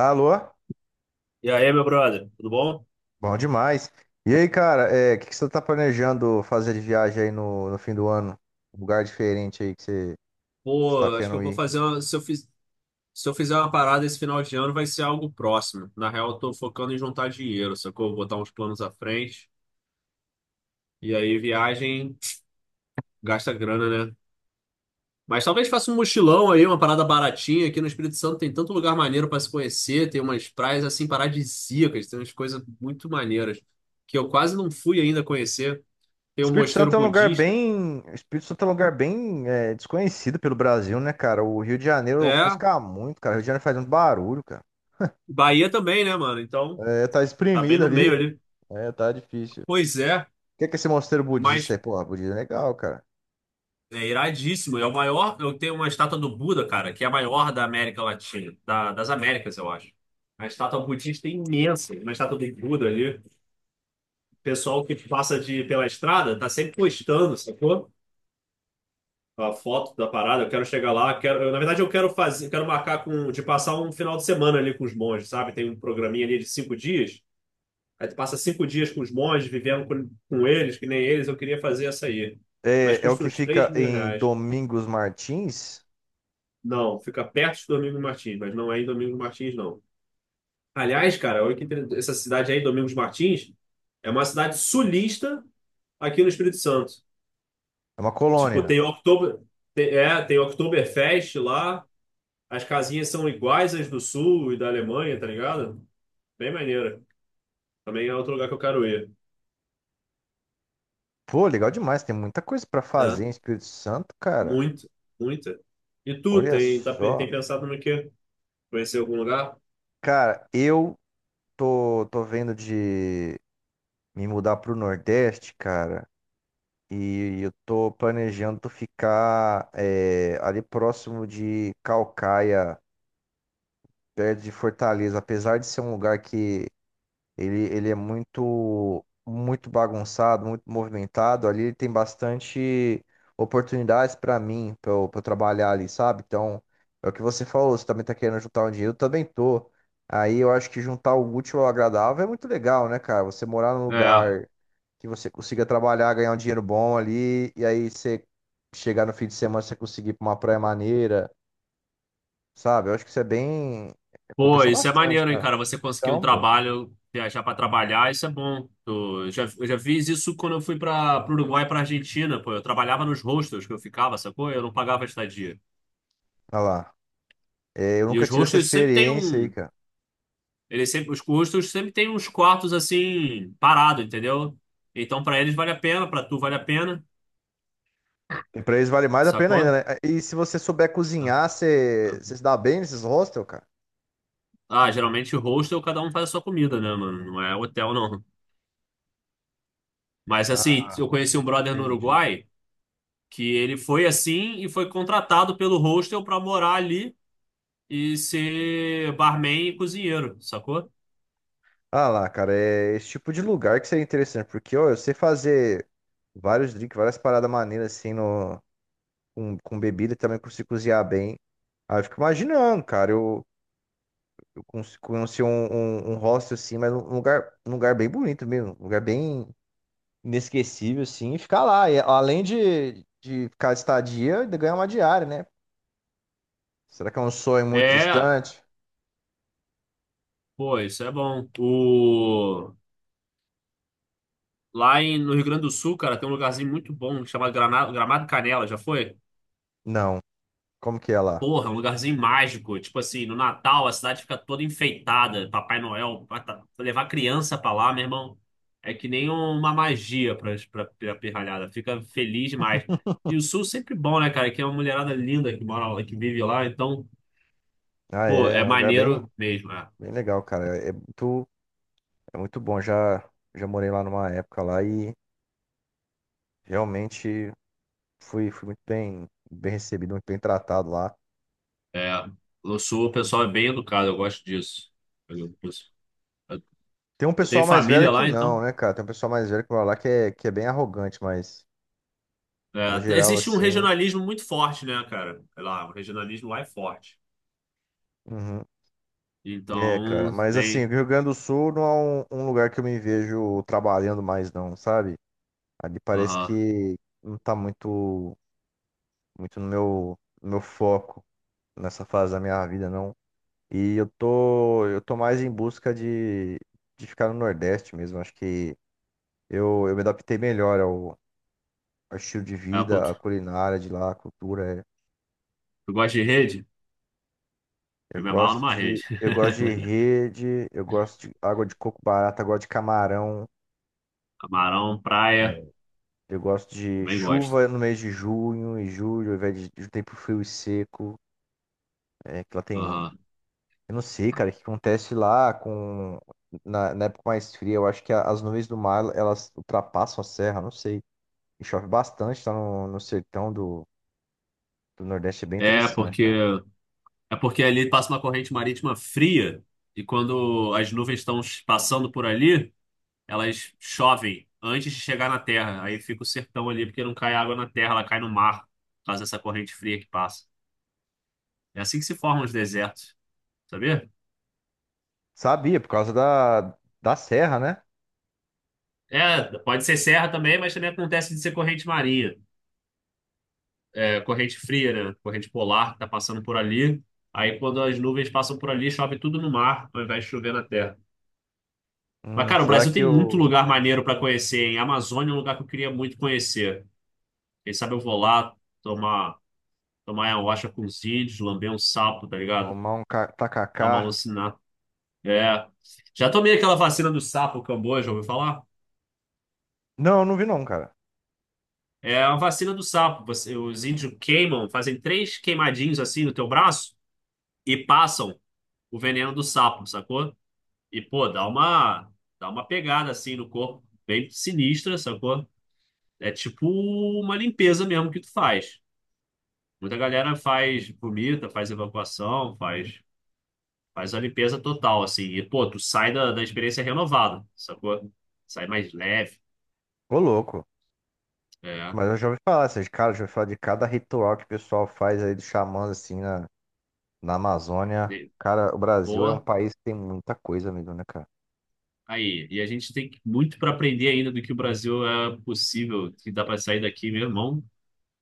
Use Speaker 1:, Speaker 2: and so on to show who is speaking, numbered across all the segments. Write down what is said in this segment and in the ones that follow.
Speaker 1: Alô?
Speaker 2: E aí, meu brother, tudo bom?
Speaker 1: Bom demais. E aí, cara, o que você tá planejando fazer de viagem aí no fim do ano? Um lugar diferente aí que você está
Speaker 2: Pô, acho que eu
Speaker 1: querendo
Speaker 2: vou
Speaker 1: ir.
Speaker 2: fazer uma. Se eu fizer uma parada esse final de ano, vai ser algo próximo. Na real, eu tô focando em juntar dinheiro, sacou? Vou botar uns planos à frente. E aí, viagem gasta grana, né? Mas talvez faça um mochilão aí, uma parada baratinha. Aqui no Espírito Santo tem tanto lugar maneiro pra se conhecer, tem umas praias assim paradisíacas, tem umas coisas muito maneiras que eu quase não fui ainda conhecer. Tem um
Speaker 1: Espírito Santo
Speaker 2: mosteiro
Speaker 1: é um lugar
Speaker 2: budista.
Speaker 1: bem, desconhecido pelo Brasil, né, cara? O Rio de Janeiro
Speaker 2: É,
Speaker 1: ofusca muito, cara. O Rio de Janeiro faz muito barulho, cara.
Speaker 2: Bahia também, né, mano? Então,
Speaker 1: É, tá
Speaker 2: tá bem
Speaker 1: espremido
Speaker 2: no meio
Speaker 1: ali.
Speaker 2: ali.
Speaker 1: É, tá difícil. O
Speaker 2: Pois é.
Speaker 1: que esse mosteiro budista é?
Speaker 2: Mas
Speaker 1: Pô, budista é legal, cara.
Speaker 2: é iradíssimo. É o maior. Eu tenho uma estátua do Buda, cara, que é a maior da América Latina, das Américas, eu acho. A estátua budista é imensa, uma estátua do Buda ali. O pessoal que passa pela estrada tá sempre postando, sacou? A foto da parada, eu quero chegar lá, quero, eu, na verdade eu quero fazer, quero marcar de passar um final de semana ali com os monges, sabe? Tem um programinha ali de 5 dias, aí tu passa 5 dias com os monges, vivendo com eles, que nem eles, eu queria fazer essa aí. Mas
Speaker 1: É, é o
Speaker 2: custa
Speaker 1: que
Speaker 2: uns três
Speaker 1: fica
Speaker 2: mil
Speaker 1: em
Speaker 2: reais.
Speaker 1: Domingos Martins.
Speaker 2: Não, fica perto de Domingos Martins, mas não é em Domingos Martins, não. Aliás, cara, olha que interessante, essa cidade aí, Domingos Martins, é uma cidade sulista aqui no Espírito Santo.
Speaker 1: É uma
Speaker 2: Tipo,
Speaker 1: colônia.
Speaker 2: tem Oktober, tem, tem Oktoberfest lá, as casinhas são iguais às do Sul e da Alemanha, tá ligado? Bem maneira. Também é outro lugar que eu quero ir.
Speaker 1: Pô, legal demais. Tem muita coisa pra fazer
Speaker 2: É.
Speaker 1: em Espírito Santo, cara.
Speaker 2: Muito, muito. E tu,
Speaker 1: Olha
Speaker 2: tem
Speaker 1: só.
Speaker 2: pensado no quê? Conhecer algum lugar?
Speaker 1: Cara, tô vendo de me mudar pro Nordeste, cara. E eu tô planejando ficar ali próximo de Calcaia, perto de Fortaleza. Apesar de ser um lugar que ele é muito bagunçado, muito movimentado. Ali ele tem bastante oportunidades para mim, para eu, pra eu trabalhar ali, sabe? Então, é o que você falou, você também tá querendo juntar um dinheiro, eu também tô. Aí eu acho que juntar o útil ao agradável é muito legal, né, cara? Você morar num
Speaker 2: É.
Speaker 1: lugar que você consiga trabalhar, ganhar um dinheiro bom ali, e aí você chegar no fim de semana, você conseguir ir pra uma praia maneira, sabe? Eu acho que isso é bem.
Speaker 2: Pô,
Speaker 1: Compensa
Speaker 2: isso é
Speaker 1: bastante,
Speaker 2: maneiro, hein,
Speaker 1: cara.
Speaker 2: cara? Você conseguir um
Speaker 1: Então, pô,
Speaker 2: trabalho, viajar pra trabalhar, isso é bom. Eu já fiz isso quando eu fui para o Uruguai, para Argentina, pô. Eu trabalhava nos hostels que eu ficava, sacou? Eu não pagava estadia.
Speaker 1: olha lá. É, eu
Speaker 2: E
Speaker 1: nunca
Speaker 2: os
Speaker 1: tive essa
Speaker 2: hostels sempre tem
Speaker 1: experiência aí,
Speaker 2: um,
Speaker 1: cara.
Speaker 2: eles sempre, os hostels sempre tem uns quartos assim parado, entendeu? Então pra eles vale a pena, pra tu vale a pena,
Speaker 1: E pra eles vale mais a pena ainda,
Speaker 2: sacou?
Speaker 1: né? E se você souber
Speaker 2: Ah,
Speaker 1: cozinhar,
Speaker 2: ah.
Speaker 1: você se dá bem nesses hostels, cara?
Speaker 2: Ah, geralmente hostel cada um faz a sua comida, né, mano? Não é hotel não. Mas assim,
Speaker 1: Ah,
Speaker 2: eu conheci um brother no
Speaker 1: entendi.
Speaker 2: Uruguai. Que ele foi assim e foi contratado pelo hostel para morar ali e ser barman e cozinheiro, sacou?
Speaker 1: Ah lá, cara, é esse tipo de lugar que seria interessante, porque, ó, eu sei fazer vários drinks, várias paradas maneiras, assim, no, com bebida, e também consigo cozinhar bem. Aí eu fico imaginando, cara, eu cons- conheci um hostel, assim, mas um lugar bem bonito mesmo, um lugar bem inesquecível, assim, e ficar lá. De ficar estadia, ainda ganhar uma diária, né? Será que é um sonho muito
Speaker 2: É,
Speaker 1: distante?
Speaker 2: pô, isso é bom. O... Lá no Rio Grande do Sul, cara, tem um lugarzinho muito bom chamado Gramado Canela, já foi?
Speaker 1: Não. Como que é lá?
Speaker 2: Porra, um lugarzinho mágico. Tipo assim, no Natal a cidade fica toda enfeitada. Papai Noel, pra levar criança pra lá, meu irmão, é que nem uma magia pra pirralhada. Fica feliz demais. E o Sul sempre bom, né, cara? Que é uma mulherada linda que mora lá, que vive lá. Então,
Speaker 1: Ah,
Speaker 2: pô,
Speaker 1: é, é
Speaker 2: é
Speaker 1: um lugar bem,
Speaker 2: maneiro mesmo, né?
Speaker 1: bem legal, cara. É muito bom. Já morei lá numa época lá e realmente fui muito bem, bem recebido, muito bem tratado lá.
Speaker 2: É, no Sul o pessoal é bem educado, eu gosto disso. Eu, eu-
Speaker 1: Tem um
Speaker 2: eu tenho
Speaker 1: pessoal mais velho
Speaker 2: família
Speaker 1: que
Speaker 2: lá,
Speaker 1: não,
Speaker 2: então.
Speaker 1: né, cara? Tem um pessoal mais velho que mora lá que é bem arrogante, mas no
Speaker 2: É,
Speaker 1: geral,
Speaker 2: existe um
Speaker 1: assim.
Speaker 2: regionalismo muito forte, né, cara? Sei lá, o regionalismo lá é forte.
Speaker 1: Uhum. É, cara,
Speaker 2: Então,
Speaker 1: mas assim,
Speaker 2: tem,
Speaker 1: o Rio Grande do Sul não é um lugar que eu me vejo trabalhando mais, não, sabe? Ali parece
Speaker 2: aham.
Speaker 1: que não tá muito no no meu foco nessa fase da minha vida, não. E eu tô mais em busca de ficar no Nordeste mesmo. Acho que eu me adaptei melhor ao estilo de
Speaker 2: É uma
Speaker 1: vida,
Speaker 2: cultu-
Speaker 1: à culinária de lá, à cultura. É.
Speaker 2: Tu gosta de rede? Eu me amarro numa rede.
Speaker 1: Eu gosto de rede, eu gosto de água de coco barata, eu gosto de camarão.
Speaker 2: Camarão, praia,
Speaker 1: É. Eu gosto de
Speaker 2: também gosto.
Speaker 1: chuva no mês de junho e julho, ao invés de tempo frio e seco. É, que lá tem.
Speaker 2: Aham.
Speaker 1: Eu não sei, cara, o que acontece lá com. Na época mais fria, eu acho que as nuvens do mar elas ultrapassam a serra, não sei. E chove bastante, tá no sertão do Nordeste, é bem
Speaker 2: É
Speaker 1: interessante, cara.
Speaker 2: porque é porque ali passa uma corrente marítima fria e quando as nuvens estão passando por ali, elas chovem antes de chegar na terra. Aí fica o sertão ali porque não cai água na terra, ela cai no mar por causa dessa corrente fria que passa. É assim que se formam os desertos, sabia?
Speaker 1: Sabia, por causa da serra, né?
Speaker 2: É, pode ser serra também, mas também acontece de ser corrente marinha. É, corrente fria, né? Corrente polar que está passando por ali. Aí, quando as nuvens passam por ali, chove tudo no mar, ao invés de chover na terra. Mas, cara, o
Speaker 1: Será que
Speaker 2: Brasil tem muito
Speaker 1: eu
Speaker 2: lugar maneiro para conhecer, hein? A Amazônia é um lugar que eu queria muito conhecer. Quem sabe eu vou lá tomar, tomar ayahuasca com os índios, lamber um sapo, tá ligado?
Speaker 1: tomar um
Speaker 2: Dar uma
Speaker 1: tacacá?
Speaker 2: alucinada. É. Já tomei aquela vacina do sapo, o Camboja, ouviu falar?
Speaker 1: Não, eu não vi não, cara.
Speaker 2: É a vacina do sapo. Você- os índios queimam, fazem três queimadinhos assim no teu braço e passam o veneno do sapo, sacou? E, pô, dá uma pegada assim no corpo, bem sinistra, sacou? É tipo uma limpeza mesmo que tu faz. Muita galera faz, vomita, faz evacuação, faz a limpeza total, assim. E, pô, tu sai da experiência renovada, sacou? Sai mais leve.
Speaker 1: Ô, louco.
Speaker 2: É.
Speaker 1: Mas eu já ouvi falar, assim, de cara, já ouvi falar de cada ritual que o pessoal faz aí dos xamãs, assim, na Amazônia.
Speaker 2: E,
Speaker 1: Cara, o Brasil é um
Speaker 2: pô,
Speaker 1: país que tem muita coisa mesmo, né, cara?
Speaker 2: aí. E a gente tem muito para aprender ainda do que o Brasil é possível, que dá para sair daqui, meu irmão.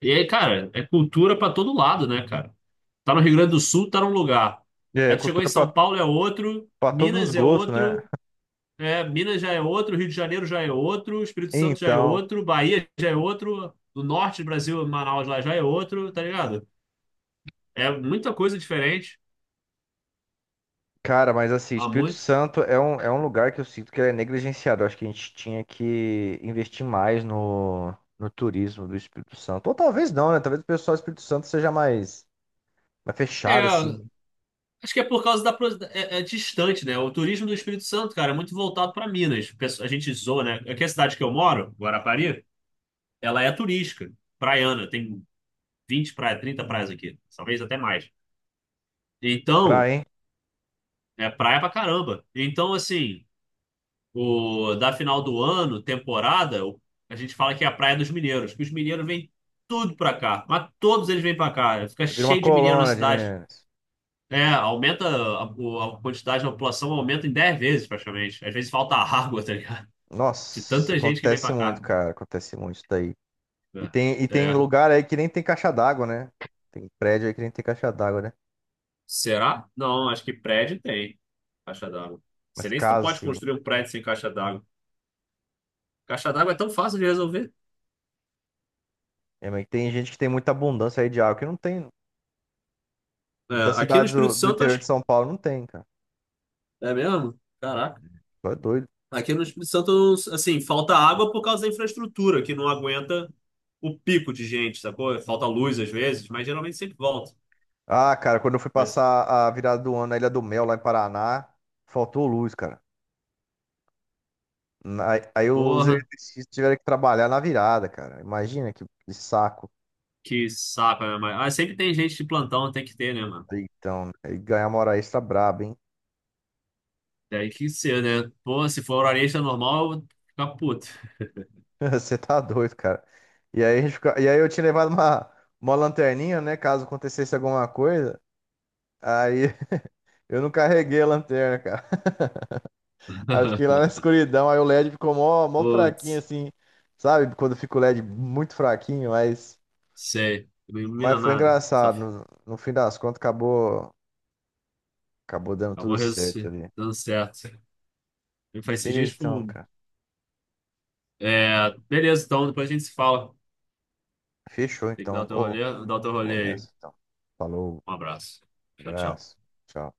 Speaker 2: E aí, cara, é cultura para todo lado, né, cara? Tá no Rio Grande do Sul, tá num lugar.
Speaker 1: É,
Speaker 2: Aí tu chegou em
Speaker 1: cultura
Speaker 2: São Paulo, é outro.
Speaker 1: pra todos os
Speaker 2: Minas é
Speaker 1: gostos, né?
Speaker 2: outro. É, Minas já é outro. Rio de Janeiro já é outro. Espírito Santo já é
Speaker 1: Então,
Speaker 2: outro. Bahia já é outro. Do norte do Brasil, Manaus lá já é outro, tá ligado? É muita coisa diferente.
Speaker 1: cara, mas assim,
Speaker 2: Há
Speaker 1: Espírito
Speaker 2: muito.
Speaker 1: Santo é é um lugar que eu sinto que ele é negligenciado. Eu acho que a gente tinha que investir mais no turismo do Espírito Santo. Ou talvez não, né? Talvez o pessoal do Espírito Santo seja mais, mais
Speaker 2: É,
Speaker 1: fechado, assim,
Speaker 2: acho que é por causa da. É, é distante, né? O turismo do Espírito Santo, cara, é muito voltado para Minas. A gente zoa, né? Aqui a cidade que eu moro, Guarapari, ela é turística, praiana. Tem 20 praias, 30 praias aqui, talvez até mais.
Speaker 1: pra,
Speaker 2: Então.
Speaker 1: hein?
Speaker 2: É praia pra caramba. Então, assim, o da final do ano, temporada, a gente fala que é a praia dos mineiros, que os mineiros vêm tudo pra cá, mas todos eles vêm pra cá. Fica
Speaker 1: Vira uma
Speaker 2: cheio de mineiro na
Speaker 1: colônia de
Speaker 2: cidade.
Speaker 1: Minas.
Speaker 2: É, aumenta a quantidade da população, aumenta em 10 vezes praticamente. Às vezes falta água, tá ligado? De
Speaker 1: Nossa,
Speaker 2: tanta gente que vem
Speaker 1: acontece
Speaker 2: pra cá.
Speaker 1: muito, cara. Acontece muito isso daí.
Speaker 2: É.
Speaker 1: E tem
Speaker 2: É.
Speaker 1: lugar aí que nem tem caixa d'água, né? Tem prédio aí que nem tem caixa d'água, né?
Speaker 2: Será? Não, acho que prédio tem caixa d'água. Você
Speaker 1: Mas
Speaker 2: nem se tu
Speaker 1: casa,
Speaker 2: pode
Speaker 1: assim.
Speaker 2: construir um prédio sem caixa d'água. Caixa d'água é tão fácil de resolver.
Speaker 1: É, mas tem gente que tem muita abundância aí de água que não tem. Muitas
Speaker 2: É, aqui no
Speaker 1: cidades
Speaker 2: Espírito
Speaker 1: do
Speaker 2: Santo,
Speaker 1: interior
Speaker 2: acho.
Speaker 1: de São Paulo não tem, cara.
Speaker 2: É mesmo? Caraca.
Speaker 1: Só é doido.
Speaker 2: Aqui no Espírito Santo, assim, falta água por causa da infraestrutura, que não aguenta o pico de gente, sacou? Falta luz às vezes, mas geralmente sempre volta.
Speaker 1: Ah, cara, quando eu fui
Speaker 2: Mas,
Speaker 1: passar a virada do ano na Ilha do Mel, lá em Paraná, faltou luz, cara. Na- Aí, os
Speaker 2: porra,
Speaker 1: eletricistas tiveram que trabalhar na virada, cara. Imagina que saco.
Speaker 2: que saco, né? Mas, ah, sempre tem gente de plantão, tem que ter, né, mano?
Speaker 1: Então, aí ganhar uma hora extra braba, hein?
Speaker 2: Tem que ser, né? Pô, se for horário normal, eu vou ficar puto.
Speaker 1: Você tá doido, cara. E aí, a gente fica- e aí eu tinha levado uma lanterninha, né? Caso acontecesse alguma coisa. Aí eu não carreguei a lanterna, cara. Aí eu fiquei lá na escuridão, aí o LED ficou mó fraquinho,
Speaker 2: Putz,
Speaker 1: assim. Sabe? Quando fica o LED muito fraquinho,
Speaker 2: sei. Não
Speaker 1: mas
Speaker 2: ilumina
Speaker 1: foi
Speaker 2: nada. Só
Speaker 1: engraçado.
Speaker 2: f-
Speaker 1: No fim das contas, acabou dando
Speaker 2: acabou
Speaker 1: tudo
Speaker 2: res-
Speaker 1: certo ali.
Speaker 2: dando certo. E faz esses dias,
Speaker 1: Beleza,
Speaker 2: tipo,
Speaker 1: então, cara.
Speaker 2: é, beleza, então depois a gente se fala.
Speaker 1: Fechou,
Speaker 2: Tem que dar
Speaker 1: então.
Speaker 2: o teu
Speaker 1: Ô,
Speaker 2: rolê, dar o teu
Speaker 1: vou
Speaker 2: rolê aí.
Speaker 1: nessa, então. Falou,
Speaker 2: Um abraço. Tchau, tchau.
Speaker 1: abraço, tchau.